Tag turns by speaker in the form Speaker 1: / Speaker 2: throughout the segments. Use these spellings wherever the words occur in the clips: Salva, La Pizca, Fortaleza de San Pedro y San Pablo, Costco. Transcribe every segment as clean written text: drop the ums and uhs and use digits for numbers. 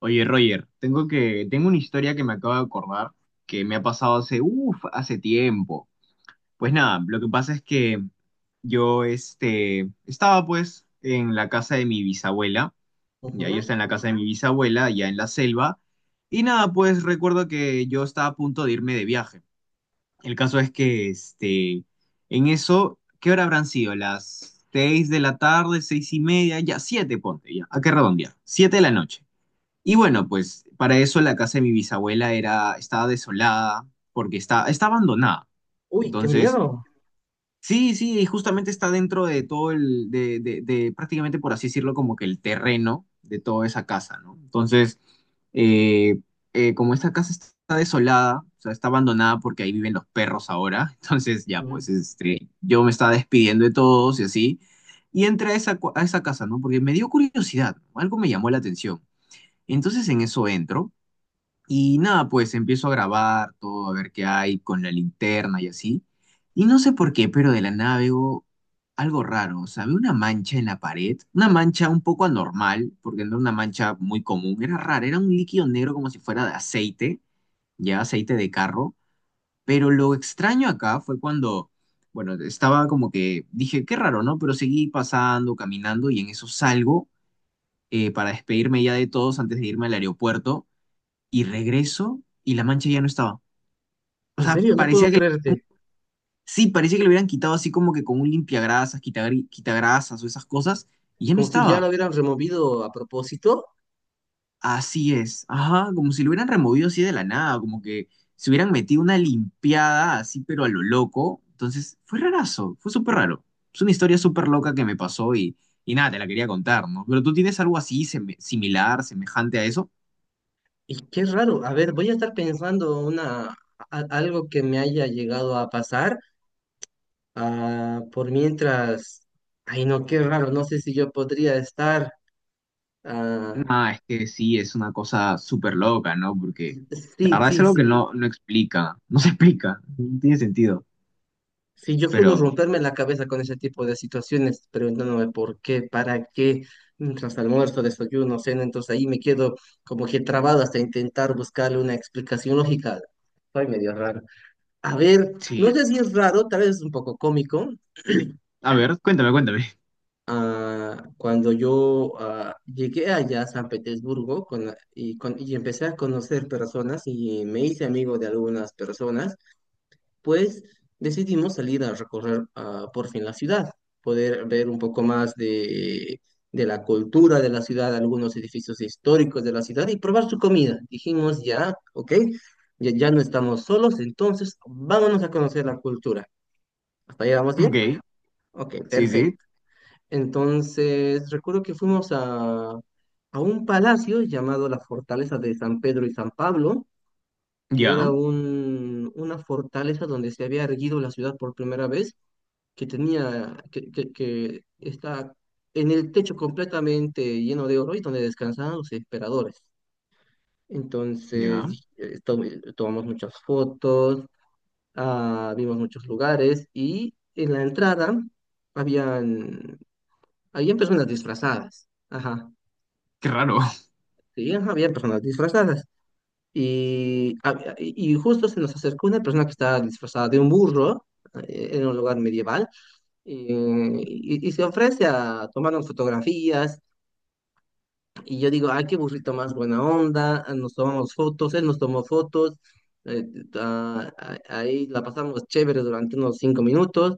Speaker 1: Oye, Roger, tengo una historia que me acabo de acordar que me ha pasado hace, uff, hace tiempo. Pues nada, lo que pasa es que yo, estaba pues en la casa de mi bisabuela, ya yo
Speaker 2: Ujú.
Speaker 1: estaba en la casa de mi bisabuela, ya en la selva, y nada, pues recuerdo que yo estaba a punto de irme de viaje. El caso es que, en eso, ¿qué hora habrán sido? Las 6 de la tarde, 6:30, ya 7, ponte, ya, ¿a qué redondear? 7 de la noche. Y bueno, pues para eso la casa de mi bisabuela era, estaba desolada porque está abandonada.
Speaker 2: Uy, qué
Speaker 1: Entonces,
Speaker 2: miedo.
Speaker 1: sí, sí, y justamente está dentro de todo el, de prácticamente, por así decirlo, como que el terreno de toda esa casa, ¿no? Entonces, eh, como esta casa está desolada, o sea, está abandonada porque ahí viven los perros ahora, entonces ya,
Speaker 2: Mm.
Speaker 1: pues yo me estaba despidiendo de todos y así, y entré a esa casa, ¿no? Porque me dio curiosidad, algo me llamó la atención. Entonces en eso entro y nada, pues empiezo a grabar todo, a ver qué hay con la linterna y así. Y no sé por qué, pero de la nada veo algo raro. O sea, veo una mancha en la pared, una mancha un poco anormal, porque no era una mancha muy común, era rara, era un líquido negro como si fuera de aceite, ya aceite de carro. Pero lo extraño acá fue cuando, bueno, estaba como que dije, qué raro, ¿no? Pero seguí pasando, caminando y en eso salgo para despedirme ya de todos antes de irme al aeropuerto y regreso y la mancha ya no estaba. O
Speaker 2: En
Speaker 1: sea,
Speaker 2: serio, no
Speaker 1: parecía
Speaker 2: puedo
Speaker 1: que,
Speaker 2: creerte.
Speaker 1: sí, parecía que le hubieran quitado así como que con un limpiagrasas, quitagrasas o esas cosas, y ya no
Speaker 2: Como si ya lo
Speaker 1: estaba.
Speaker 2: hubieran removido a propósito.
Speaker 1: Así es, ajá, como si lo hubieran removido así de la nada, como que se hubieran metido una limpiada así, pero a lo loco. Entonces, fue rarazo, fue súper raro. Es una historia súper loca que me pasó y nada, te la quería contar, ¿no? Pero tú tienes algo así, semejante a eso.
Speaker 2: Y qué raro. A ver, voy a estar pensando algo que me haya llegado a pasar. Ah, por mientras. Ay, no, qué raro. No sé si yo podría estar. ah,
Speaker 1: Nada, es que sí, es una cosa súper loca, ¿no? Porque la
Speaker 2: sí,
Speaker 1: verdad es
Speaker 2: sí,
Speaker 1: algo que
Speaker 2: sí.
Speaker 1: no, no explica, no se explica, no tiene sentido,
Speaker 2: Sí, yo suelo
Speaker 1: pero
Speaker 2: romperme la cabeza con ese tipo de situaciones, preguntándome por qué, para qué, mientras almuerzo, desayuno, cena, entonces ahí me quedo como que trabado hasta intentar buscarle una explicación lógica. Soy medio raro. A ver,
Speaker 1: sí.
Speaker 2: no sé si es raro, tal vez es un poco cómico.
Speaker 1: A ver, cuéntame, cuéntame.
Speaker 2: Cuando yo llegué allá a San Petersburgo con la- y, con- y empecé a conocer personas y me hice amigo de algunas personas, pues decidimos salir a recorrer por fin la ciudad, poder ver un poco más de la cultura de la ciudad, algunos edificios históricos de la ciudad y probar su comida. Dijimos ya, ok, ya, ya no estamos solos, entonces vámonos a conocer la cultura. ¿Hasta ahí vamos
Speaker 1: Ok,
Speaker 2: bien? Ok,
Speaker 1: sí,
Speaker 2: perfecto.
Speaker 1: sí,
Speaker 2: Entonces, recuerdo que fuimos a un palacio llamado la Fortaleza de San Pedro y San Pablo, que
Speaker 1: ya,
Speaker 2: era una fortaleza donde se había erguido la ciudad por primera vez que tenía, que está en el techo completamente lleno de oro y donde descansaban los emperadores. Entonces,
Speaker 1: ya.
Speaker 2: tomamos muchas fotos, vimos muchos lugares y en la entrada habían, habían personas disfrazadas. Ajá,
Speaker 1: Qué raro.
Speaker 2: sí, ajá, habían personas disfrazadas. Y justo se nos acercó una persona que estaba disfrazada de un burro en un lugar medieval y se ofrece a tomarnos fotografías. Y yo digo, ay, qué burrito más buena onda, ah, nos tomamos fotos, él nos tomó fotos, eh, ahí la pasamos chévere durante unos 5 minutos.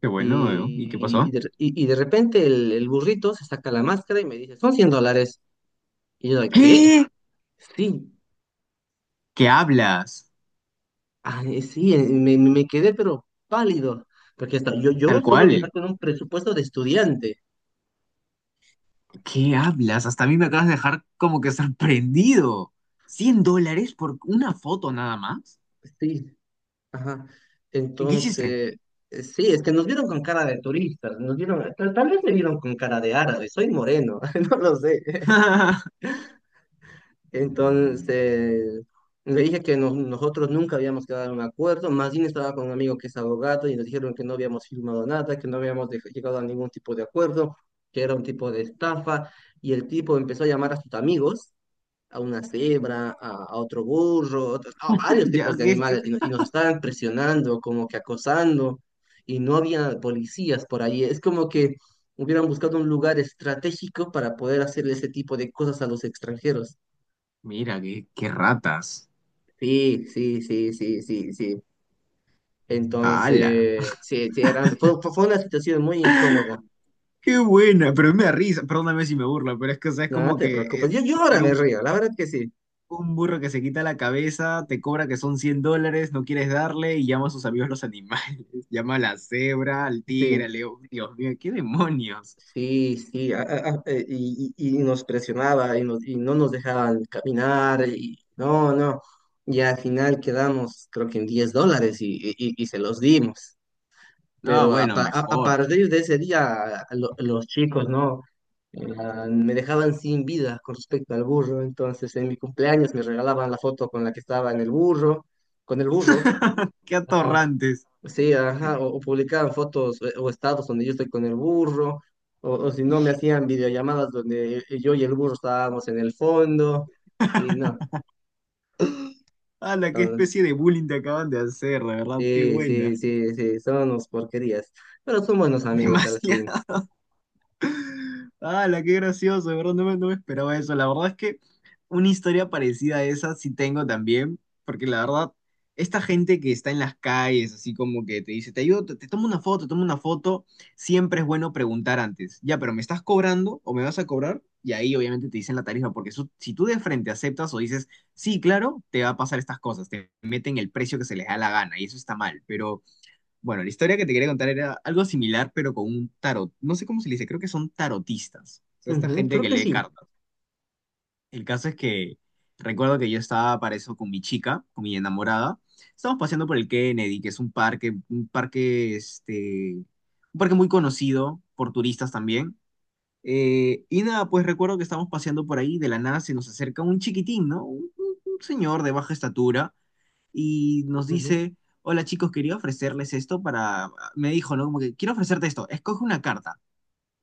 Speaker 1: Qué bueno, ¿y qué
Speaker 2: Y, y,
Speaker 1: pasó?
Speaker 2: de, y- y de repente el burrito se saca la máscara y me dice, son $100. Y yo, ¿qué?
Speaker 1: ¿Qué?
Speaker 2: Sí,
Speaker 1: ¿Qué hablas?
Speaker 2: ay, sí, me quedé pero pálido, porque hasta yo, yo
Speaker 1: Tal
Speaker 2: suelo viajar
Speaker 1: cual,
Speaker 2: con un presupuesto de estudiante.
Speaker 1: ¿qué hablas? Hasta a mí me acabas de dejar como que sorprendido. ¿$100 por una foto nada más?
Speaker 2: Sí. Ajá.
Speaker 1: ¿Qué hiciste?
Speaker 2: Entonces, sí, es que nos vieron con cara de turistas, nos vieron, tal, tal vez me vieron con cara de árabe, soy moreno, no lo sé. Entonces, le dije que nos- nosotros nunca habíamos quedado en un acuerdo, más bien estaba con un amigo que es abogado y nos dijeron que no habíamos firmado nada, que no habíamos dej- llegado a ningún tipo de acuerdo, que era un tipo de estafa, y el tipo empezó a llamar a sus amigos a una cebra, a otro burro, a varios
Speaker 1: Ya,
Speaker 2: tipos de
Speaker 1: ¿qué- qué-
Speaker 2: animales y, no- y nos estaban presionando, como que acosando, y no había policías por ahí. Es como que hubieran buscado un lugar estratégico para poder hacer ese tipo de cosas a los extranjeros.
Speaker 1: Mira, qué, qué ratas.
Speaker 2: Sí, sí, sí, sí, sí, sí.
Speaker 1: ¡Hala!
Speaker 2: Entonces, sí, sí, fue fue una situación muy incómoda.
Speaker 1: ¡Qué buena! Pero me da risa, perdóname si me burla, pero es que, o sea, es
Speaker 2: Nada, no
Speaker 1: como
Speaker 2: te
Speaker 1: que
Speaker 2: preocupes. Yo ahora
Speaker 1: era
Speaker 2: me
Speaker 1: un-
Speaker 2: río, la verdad que sí,
Speaker 1: un burro que se quita la cabeza, te cobra que son $100, no quieres darle y llama a sus amigos los animales. Llama a la cebra, al
Speaker 2: sí.
Speaker 1: tigre, al león. Dios mío, ¿qué demonios?
Speaker 2: Sí, sí, y nos presionaba y no nos dejaban caminar, y no, no, y al final quedamos creo que en $10 y, y se los dimos,
Speaker 1: Ah,
Speaker 2: pero
Speaker 1: bueno,
Speaker 2: a
Speaker 1: mejor.
Speaker 2: partir de ese día a los chicos, ¿no? Me dejaban sin vida con respecto al burro, entonces en mi cumpleaños me regalaban la foto con la que estaba en el burro, con el burro.
Speaker 1: ¡Qué atorrantes!
Speaker 2: Sí, ajá, o publicaban fotos o estados donde yo estoy con el burro, o si no me hacían videollamadas donde yo y el burro estábamos en el fondo, y no,
Speaker 1: ¡Hala! ¡Qué
Speaker 2: entonces,
Speaker 1: especie de bullying te acaban de hacer, de verdad! ¡Qué
Speaker 2: sí,
Speaker 1: buena!
Speaker 2: sí, sí, sí, son unos porquerías, pero son buenos amigos al fin.
Speaker 1: Demasiado. ¡Hala, qué gracioso! De verdad, no me esperaba eso. La verdad es que una historia parecida a esa sí tengo también, porque la verdad, esta gente que está en las calles, así como que te dice, te ayudo, te tomo una foto, siempre es bueno preguntar antes, ya, pero ¿me estás cobrando o me vas a cobrar? Y ahí obviamente te dicen la tarifa, porque eso, si tú de frente aceptas o dices, sí, claro, te va a pasar estas cosas, te meten el precio que se les da la gana y eso está mal, pero... Bueno, la historia que te quería contar era algo similar, pero con un tarot. No sé cómo se le dice, creo que son tarotistas. O sea, esta
Speaker 2: Ujú,
Speaker 1: gente
Speaker 2: creo
Speaker 1: que
Speaker 2: que
Speaker 1: lee
Speaker 2: sí.
Speaker 1: cartas. El caso es que recuerdo que yo estaba para eso con mi chica, con mi enamorada. Estábamos paseando por el Kennedy, que es un parque, un parque muy conocido por turistas también. Y nada, pues recuerdo que estábamos paseando por ahí, de la nada se nos acerca un chiquitín, ¿no? Un señor de baja estatura y nos
Speaker 2: Ujú.
Speaker 1: dice, hola chicos, quería ofrecerles esto para, me dijo, ¿no? Como que quiero ofrecerte esto, escoge una carta.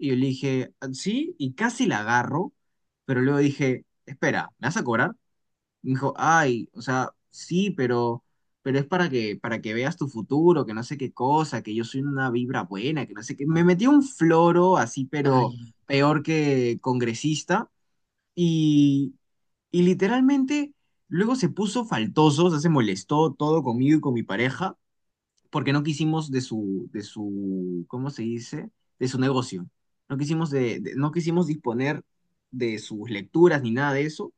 Speaker 1: Y yo le dije, "Ah, sí", y casi la agarro, pero luego dije, espera, ¿me vas a cobrar? Y me dijo, ay, o sea, sí, pero es para que veas tu futuro, que no sé qué cosa, que yo soy una vibra buena, que no sé qué. Me metió un floro así, pero
Speaker 2: Ay,
Speaker 1: peor que congresista. Y y literalmente luego se puso faltoso, o sea, se molestó todo conmigo y con mi pareja porque no quisimos de su, ¿cómo se dice? De su negocio. No quisimos disponer de sus lecturas ni nada de eso.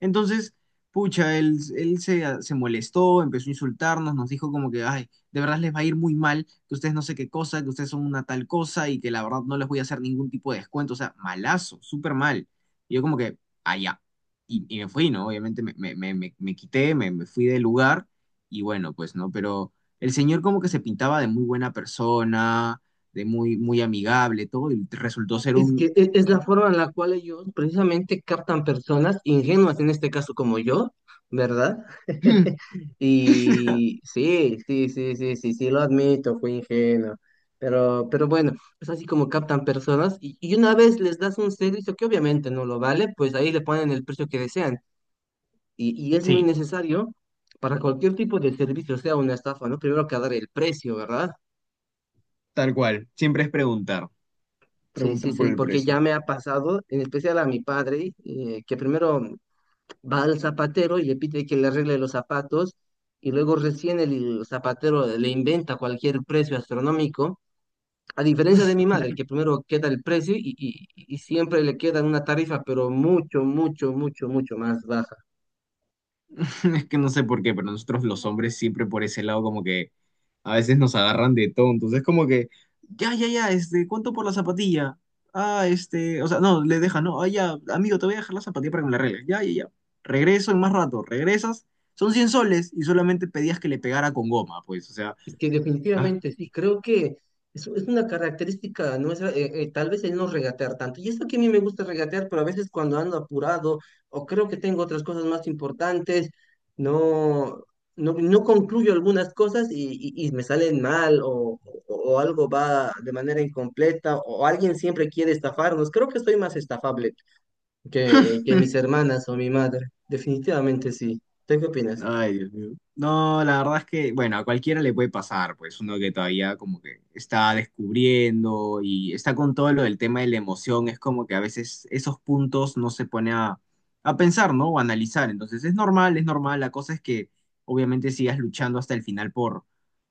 Speaker 1: Entonces, pucha, él se molestó, empezó a insultarnos, nos dijo como que, ay, de verdad les va a ir muy mal, que ustedes no sé qué cosa, que ustedes son una tal cosa y que la verdad no les voy a hacer ningún tipo de descuento. O sea, malazo, súper mal. Y yo como que, allá. Y me fui, ¿no? Obviamente me, me, me, me, me quité, me fui del lugar y bueno, pues, ¿no? Pero... El señor como que se pintaba de muy buena persona, de muy, muy amigable, todo, y resultó ser un...
Speaker 2: Es la forma en la cual ellos precisamente captan personas ingenuas, en este caso como yo, ¿verdad? Y sí, sí, sí, sí, sí, sí, lo admito, fui ingenuo. Pero bueno, es así como captan personas y una vez les das un servicio que obviamente no lo vale, pues ahí le ponen el precio que desean. Y es muy
Speaker 1: Sí,
Speaker 2: necesario para cualquier tipo de servicio, sea una estafa, ¿no? Primero que dar el precio, ¿verdad?
Speaker 1: tal cual. Siempre es preguntar,
Speaker 2: Sí, sí,
Speaker 1: preguntar por
Speaker 2: sí,
Speaker 1: el
Speaker 2: porque
Speaker 1: precio.
Speaker 2: ya me ha pasado, en especial a mi padre, que primero va al zapatero y le pide que le arregle los zapatos y luego recién el zapatero le inventa cualquier precio astronómico, a diferencia de mi madre, que primero queda el precio y, y siempre le queda una tarifa, pero mucho, mucho, mucho, mucho más baja.
Speaker 1: Es que no sé por qué, pero nosotros los hombres siempre por ese lado como que a veces nos agarran de tontos. Es como que, ya, ya, ya, ¿cuánto por la zapatilla? Ah, o sea, no, le deja, no, ah, ya, amigo, te voy a dejar la zapatilla para que me la arregles. Ya, ya, ya. Regreso en más rato, regresas, son 100 soles y solamente pedías que le pegara con goma, pues, o sea,
Speaker 2: Es que
Speaker 1: ah,
Speaker 2: definitivamente sí, creo que es una característica nuestra, tal vez el no regatear tanto. Y eso que a mí me gusta regatear, pero a veces cuando ando apurado o creo que tengo otras cosas más importantes, no, no, no concluyo algunas cosas y, y me salen mal o, o algo va de manera incompleta o alguien siempre quiere estafarnos. Creo que soy más estafable que mis hermanas o mi madre. Definitivamente sí. ¿Tú qué opinas?
Speaker 1: ay, Dios mío. No, la verdad es que, bueno, a cualquiera le puede pasar, pues uno que todavía como que está descubriendo y está con todo lo del tema de la emoción, es como que a veces esos puntos no se pone a pensar, ¿no? O a analizar. Entonces es normal, es normal. La cosa es que obviamente sigas luchando hasta el final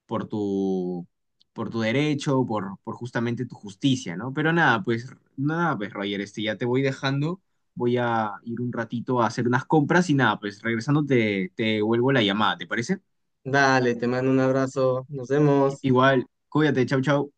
Speaker 1: por tu, por tu derecho, por justamente tu justicia, ¿no? Pero nada, pues, nada, pues Roger, ya te voy dejando, voy a ir un ratito a hacer unas compras y nada, pues regresando te vuelvo la llamada, ¿te parece?
Speaker 2: Dale, te mando un abrazo. Nos
Speaker 1: I-
Speaker 2: vemos.
Speaker 1: Igual, cuídate, chau, chau.